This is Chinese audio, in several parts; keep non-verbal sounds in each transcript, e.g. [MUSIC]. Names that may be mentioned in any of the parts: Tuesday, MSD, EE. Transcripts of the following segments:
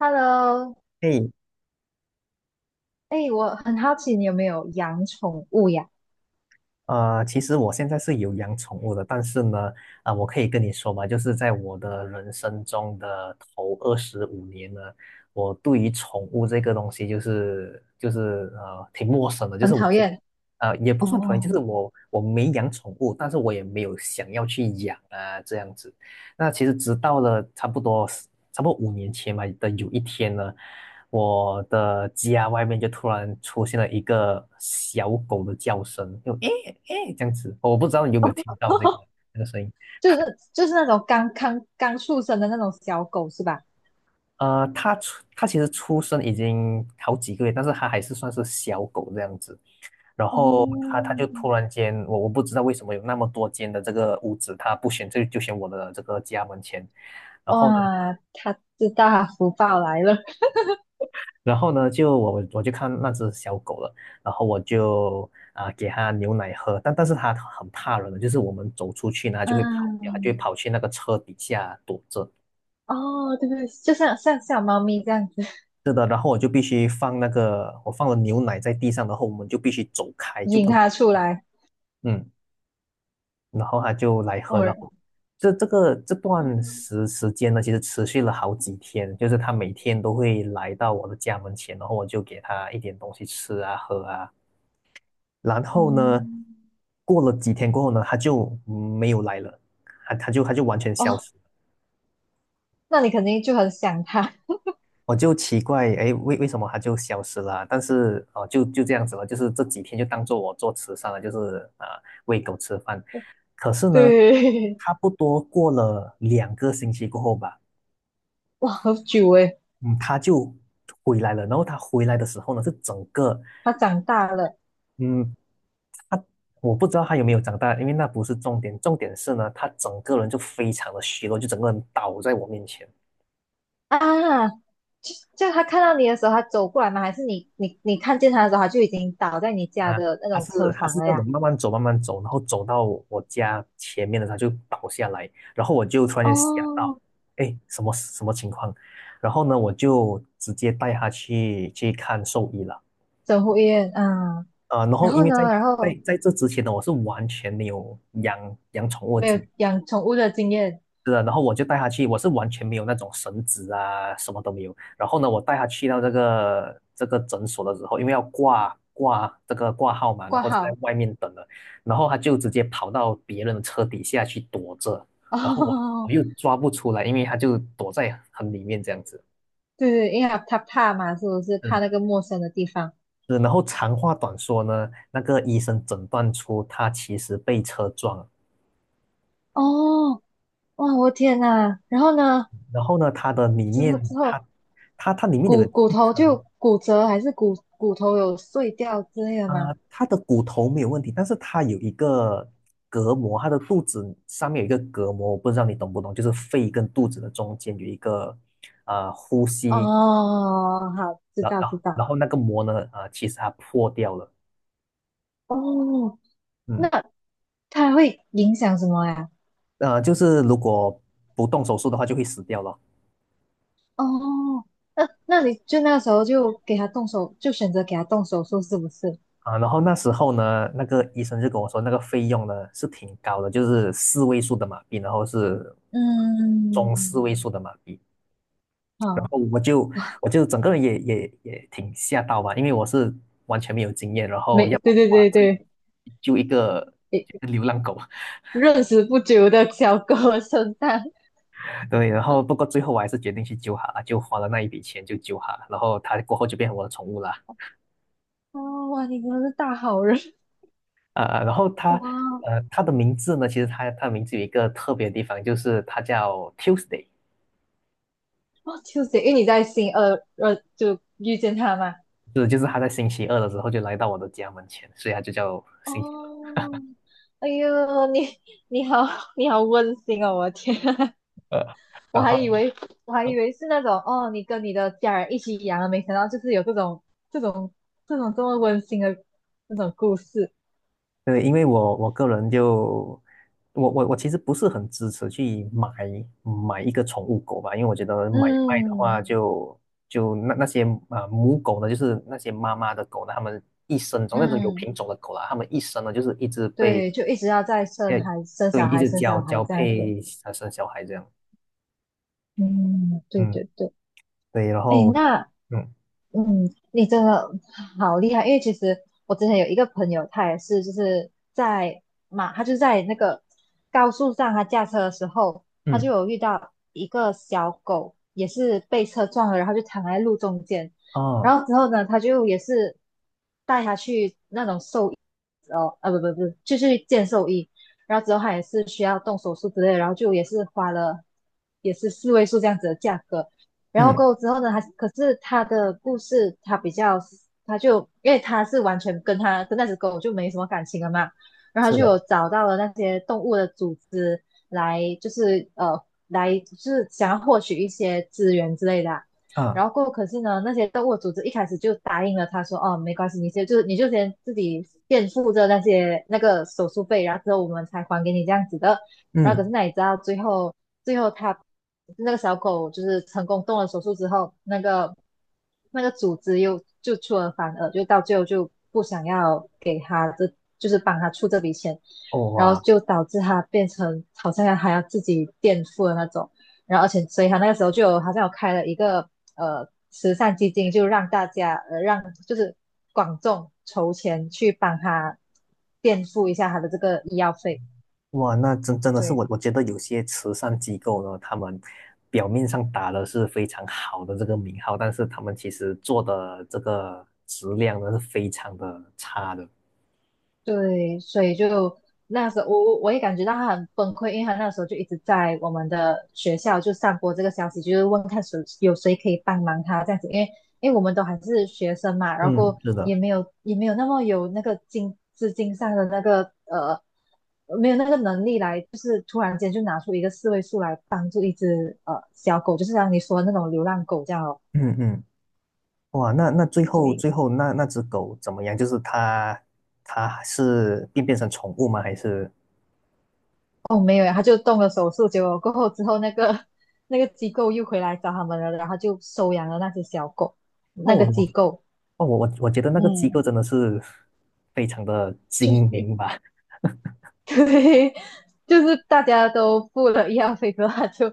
Hello，嘿，哎、我很好奇你有没有养宠物呀？其实我现在是有养宠物的，但是呢，我可以跟你说吧，就是在我的人生中的头25年呢，我对于宠物这个东西就是挺陌生的，就很是我讨是不厌呃也不算讨厌，哦，就是我没养宠物，但是我也没有想要去养啊这样子。那其实直到了差不多5年前吧的有一天呢，我的家外面就突然出现了一个小狗的叫声，就诶诶这样子，我不知道你有没有听到这个 [LAUGHS] 这个声音。就是那种刚刚出生的那种小狗是吧？它其实出生已经好几个月，但是它还是算是小狗这样子。然后它哦，它就突然间，我不知道为什么有那么多间的这个屋子，它不选这就选我的这个家门前。然后呢，哇，他知道他福报来了，然后呢，就我就看那只小狗了，然后我就给它牛奶喝，但是它很怕人的，就是我们走出去呢，它就会跑掉，它就会嗯，跑去那个车底下躲着。哦，对对，就像小猫咪这样子是的，然后我就必须放那个，我放了牛奶在地上，然后我们就必须走开，就引不能它够。出来，嗯。然后他就来喝，然哦，后这这段时间呢，其实持续了好几天，就是他每天都会来到我的家门前，然后我就给他一点东西吃啊喝啊，然后呢，嗯，过了几天过后呢，他就没有来了，他就完全消哦，失。那你肯定就很想它，我就奇怪，哎，为什么它就消失了啊，但是哦，就就这样子了，就是这几天就当做我做慈善了，就是喂狗吃饭。可是 [LAUGHS] 呢，对，差不多过了2个星期过后吧，哇，好久诶，嗯，它就回来了。然后它回来的时候呢，是整个，它长大了。嗯，我不知道它有没有长大，因为那不是重点，重点是呢，它整个人就非常的虚弱，就整个人倒在我面前。啊，就他看到你的时候，他走过来吗？还是你看见他的时候，他就已经倒在你家啊，的那他种是车他房是了那种呀？慢慢走，然后走到我家前面的时候它就倒下来，然后我就突然间想到，哦，哎，什么情况？然后呢，我就直接带他去看兽医了。整户医院，嗯，然然后后因为呢，在然后这之前呢，我是完全没有养宠物的没经有养宠物的经验，是的，然后我就带他去，我是完全没有那种绳子啊，什么都没有。然后呢，我带他去到这个诊所的时候，因为要挂这个挂号嘛，然挂后就在号，外面等了，然后他就直接跑到别人的车底下去躲着，[LAUGHS] 然后我哦，又抓不出来，因为他就躲在很里面这样子。对对，因为他怕嘛，是不是嗯，怕那个陌生的地方？是然后长话短说呢，那个医生诊断出他其实被车撞了，哦，哇，我天呐，然后呢，然后呢，他的里之后之面他后他里面有骨骨一头层。就骨折，还是骨头有碎掉之类的吗？他的骨头没有问题，但是他有一个隔膜，他的肚子上面有一个隔膜，我不知道你懂不懂，就是肺跟肚子的中间有一个呼吸，哦，好，知然道知后然道。后那个膜呢，其实它破掉了。哦，那嗯，他会影响什么呀？就是如果不动手术的话就会死掉了。哦，那你就那时候就给他动手，就选择给他动手术，是不是？然后那时候呢，那个医生就跟我说，那个费用呢是挺高的，就是四位数的马币，然后是嗯，中四位数的马币。然好，后我就整个人也挺吓到吧，因为我是完全没有经验，然后没，要对我对哇，对这救一对，笔救一个诶流浪狗。认识不久的小哥身上，[LAUGHS] 对，然后不过最后我还是决定去救它了，就花了那一笔钱就救它了，然后它过后就变成我的宠物了。哦，哇，你真的是大好人，然后它哇，呃它的名字呢，其实它的名字有一个特别的地方，就是它叫 Tuesday。哦，就是因为你在新二就遇见他嘛。是就是它在星期二的时候就来到我的家门前，所以它就叫星期哦，哎呦，你好你好温馨哦，我的天，[LAUGHS] 二，我然还以后。为我还以为是那种哦，你跟你的家人一起养了，没想到就是有这种这种这么温馨的那种故事。对，因为我个人就我其实不是很支持去买一个宠物狗吧，因为我觉得买卖的话嗯就，就那些母狗呢，就是那些妈妈的狗呢，它们一生中那种有嗯，品种的狗啦，它们一生呢就是一直被对，就一直要在呃生孩生对，小一孩直生交小孩交这样子。配，生小孩这样，嗯，对嗯，对对。对，然哎，后。那嗯嗯，你真的好厉害，因为其实我之前有一个朋友，他也是就是他就在那个高速上，他驾车的时候，他就嗯，有遇到一个小狗，也是被车撞了，然后就躺在路中间，哦，然后之后呢，他就也是带他去那种兽医哦，啊不不不，就去见兽医，然后之后他也是需要动手术之类的，然后就也是花了也是四位数这样子的价格。然后嗯，过后之后呢，他可是他的故事，他比较，他就因为他是完全跟那只狗就没什么感情了嘛，然后是他就有的，找到了那些动物的组织来，就是来就是想要获取一些资源之类的啊啊，然后过后可是呢，那些动物组织一开始就答应了他说，哦，没关系，你就先自己垫付着那个手术费，然后之后我们才还给你这样子的。然后可嗯，是那你知道最后他那个小狗就是成功动了手术之后，那个组织又就出尔反尔，就到最后就不想要给他这就是帮他出这笔钱，哦，然哇。后就导致他变成好像还要自己垫付的那种，然后而且所以他那个时候就有好像有开了一个慈善基金，就让大家就是广众筹钱去帮他垫付一下他的这个医药费，哇，那真的是，对。我我觉得有些慈善机构呢，他们表面上打的是非常好的这个名号，但是他们其实做的这个质量呢是非常的差的。对，所以就那时候我也感觉到他很崩溃，因为他那时候就一直在我们的学校就散播这个消息，就是问看谁有谁可以帮忙他这样子，因为我们都还是学生嘛，然后过嗯，后是的。也没有那么有那个资金上的那个没有那个能力来，就是突然间就拿出一个四位数来帮助一只小狗，就是像你说的那种流浪狗这样哦，嗯嗯，哇，那那最后对。最后那只狗怎么样？就是它是变成宠物吗？还是？哦，没有呀，他就动了手术，结果过后之后，那个 [LAUGHS] 那个机构又回来找他们了，然后他就收养了那些小狗，哦，那个机构，哦，我觉得那个机构嗯，真的是非常的就是 精 [LAUGHS] 明吧。[LAUGHS] 对，就是大家都付了医药费之后，他就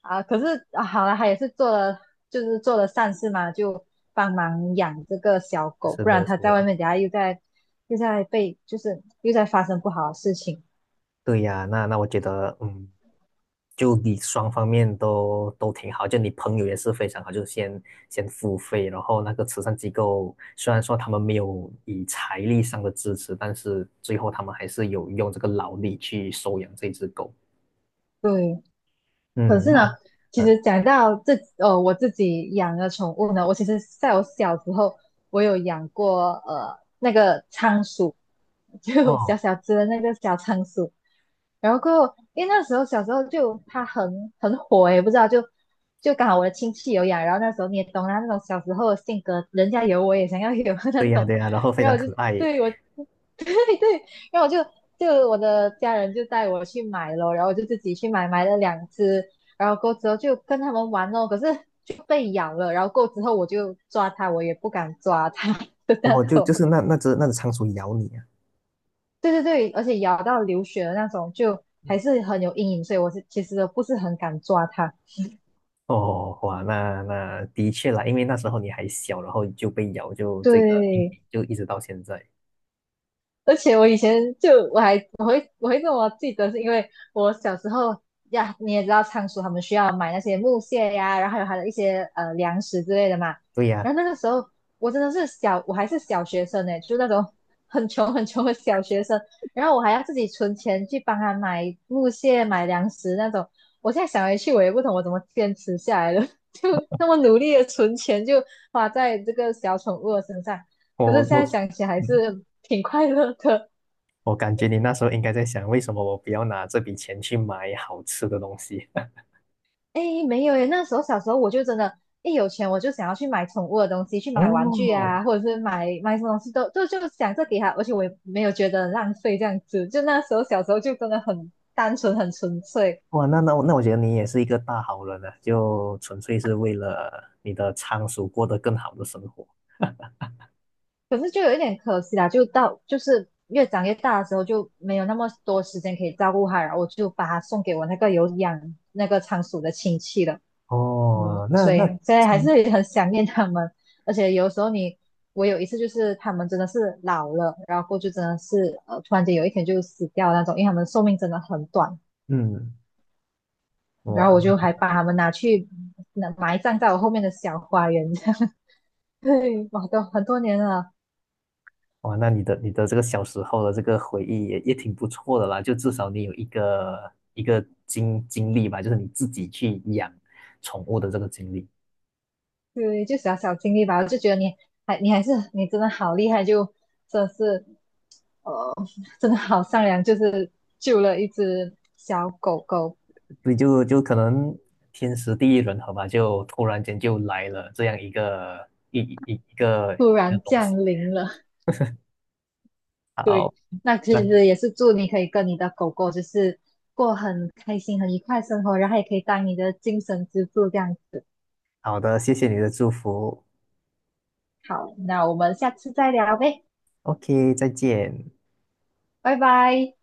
啊，可是啊，好了，他也是做了，就是做了善事嘛，就帮忙养这个小狗，是不然的，是他在外的。面，等下又在被，就是又在发生不好的事情，对呀，那我觉得，嗯，就你双方面都都挺好，就你朋友也是非常好，就先付费，然后那个慈善机构虽然说他们没有以财力上的支持，但是最后他们还是有用这个劳力去收养这只狗。对，可嗯，是呢，那。其嗯，实讲到这，我自己养的宠物呢，我其实在我小时候，我有养过那个仓鼠，就小哦，小只的那个小仓鼠。然后过后，因为那时候小时候就它很火诶，不知道就刚好我的亲戚有养，然后那时候你也懂啦，那种小时候的性格，人家有我也想要有 [LAUGHS] 那对呀种，对呀，然后非然常后我可就爱耶。对我然后我就我的家人就带我去买了，然后我就自己去买，买了两只，然后过之后就跟他们玩哦，可是就被咬了，然后过之后我也不敢抓它 [LAUGHS] 的那哦，就就种，是那只仓鼠咬你啊。对对对，而且咬到流血的那种，就还是很有阴影，所以我是其实不是很敢抓它，哦，哇，那的确啦，因为那时候你还小，然后就被咬，就这个阴对。影就一直到现在。而且我以前就我还我会这么记得，是因为我小时候呀，你也知道仓鼠他们需要买那些木屑呀，然后还有它的一些粮食之类的嘛。对呀，然后那个时候我真的是小，我还是小学生呢，就那种很穷很穷的小学生。然后我还要自己存钱去帮他买木屑、买粮食那种。我现在想回去，我也不懂我怎么坚持下来了，[LAUGHS] 就那么努力的存钱，就花在这个小宠物的身上。可我是现在我想起还嗯，是挺快乐的。我感觉你那时候应该在想，为什么我不要拿这笔钱去买好吃的东西？[LAUGHS] [LAUGHS] 哎，没有耶，那时候小时候我就真的，一有钱我就想要去买宠物的东西，去买玩具哦，啊，或者是买什么东西都就想着给他，而且我也没有觉得浪费这样子。就那时候小时候就真的很单纯，很纯粹。哇，那我觉得你也是一个大好人啊，就纯粹是为了你的仓鼠过得更好的生活。可是就有一点可惜啦，就到就是越长越大的时候就没有那么多时间可以照顾他，然后我就把他送给我那个有养那个仓鼠的亲戚了。嗯，哦，那所以那，现在还嗯，是很想念他们，而且有时候你，我有一次就是他们真的是老了，然后过就真的是突然间有一天就死掉那种，因为他们寿命真的很短，嗯，然后哇我就还把他们拿去那埋葬在我后面的小花园，[LAUGHS] 这样，[LAUGHS] 对，我都很多年了，哇，那你的这个小时候的这个回忆也挺不错的啦，就至少你有一个一个经历吧，就是你自己去养宠物的这个经历。对，就小小经历吧，我就觉得你还你还是你真的好厉害，就真的是呃，真的好善良，就是救了一只小狗狗，所以就可能天时地利人和吧，就突然间就来了这样一个一一一个突一个然东西。降临了。好，那其那实也是祝你可以跟你的狗狗就是过很开心、很愉快的生活，然后也可以当你的精神支柱这样子。好的，谢谢你的祝福。好，那我们下次再聊呗，OK，再见。拜拜。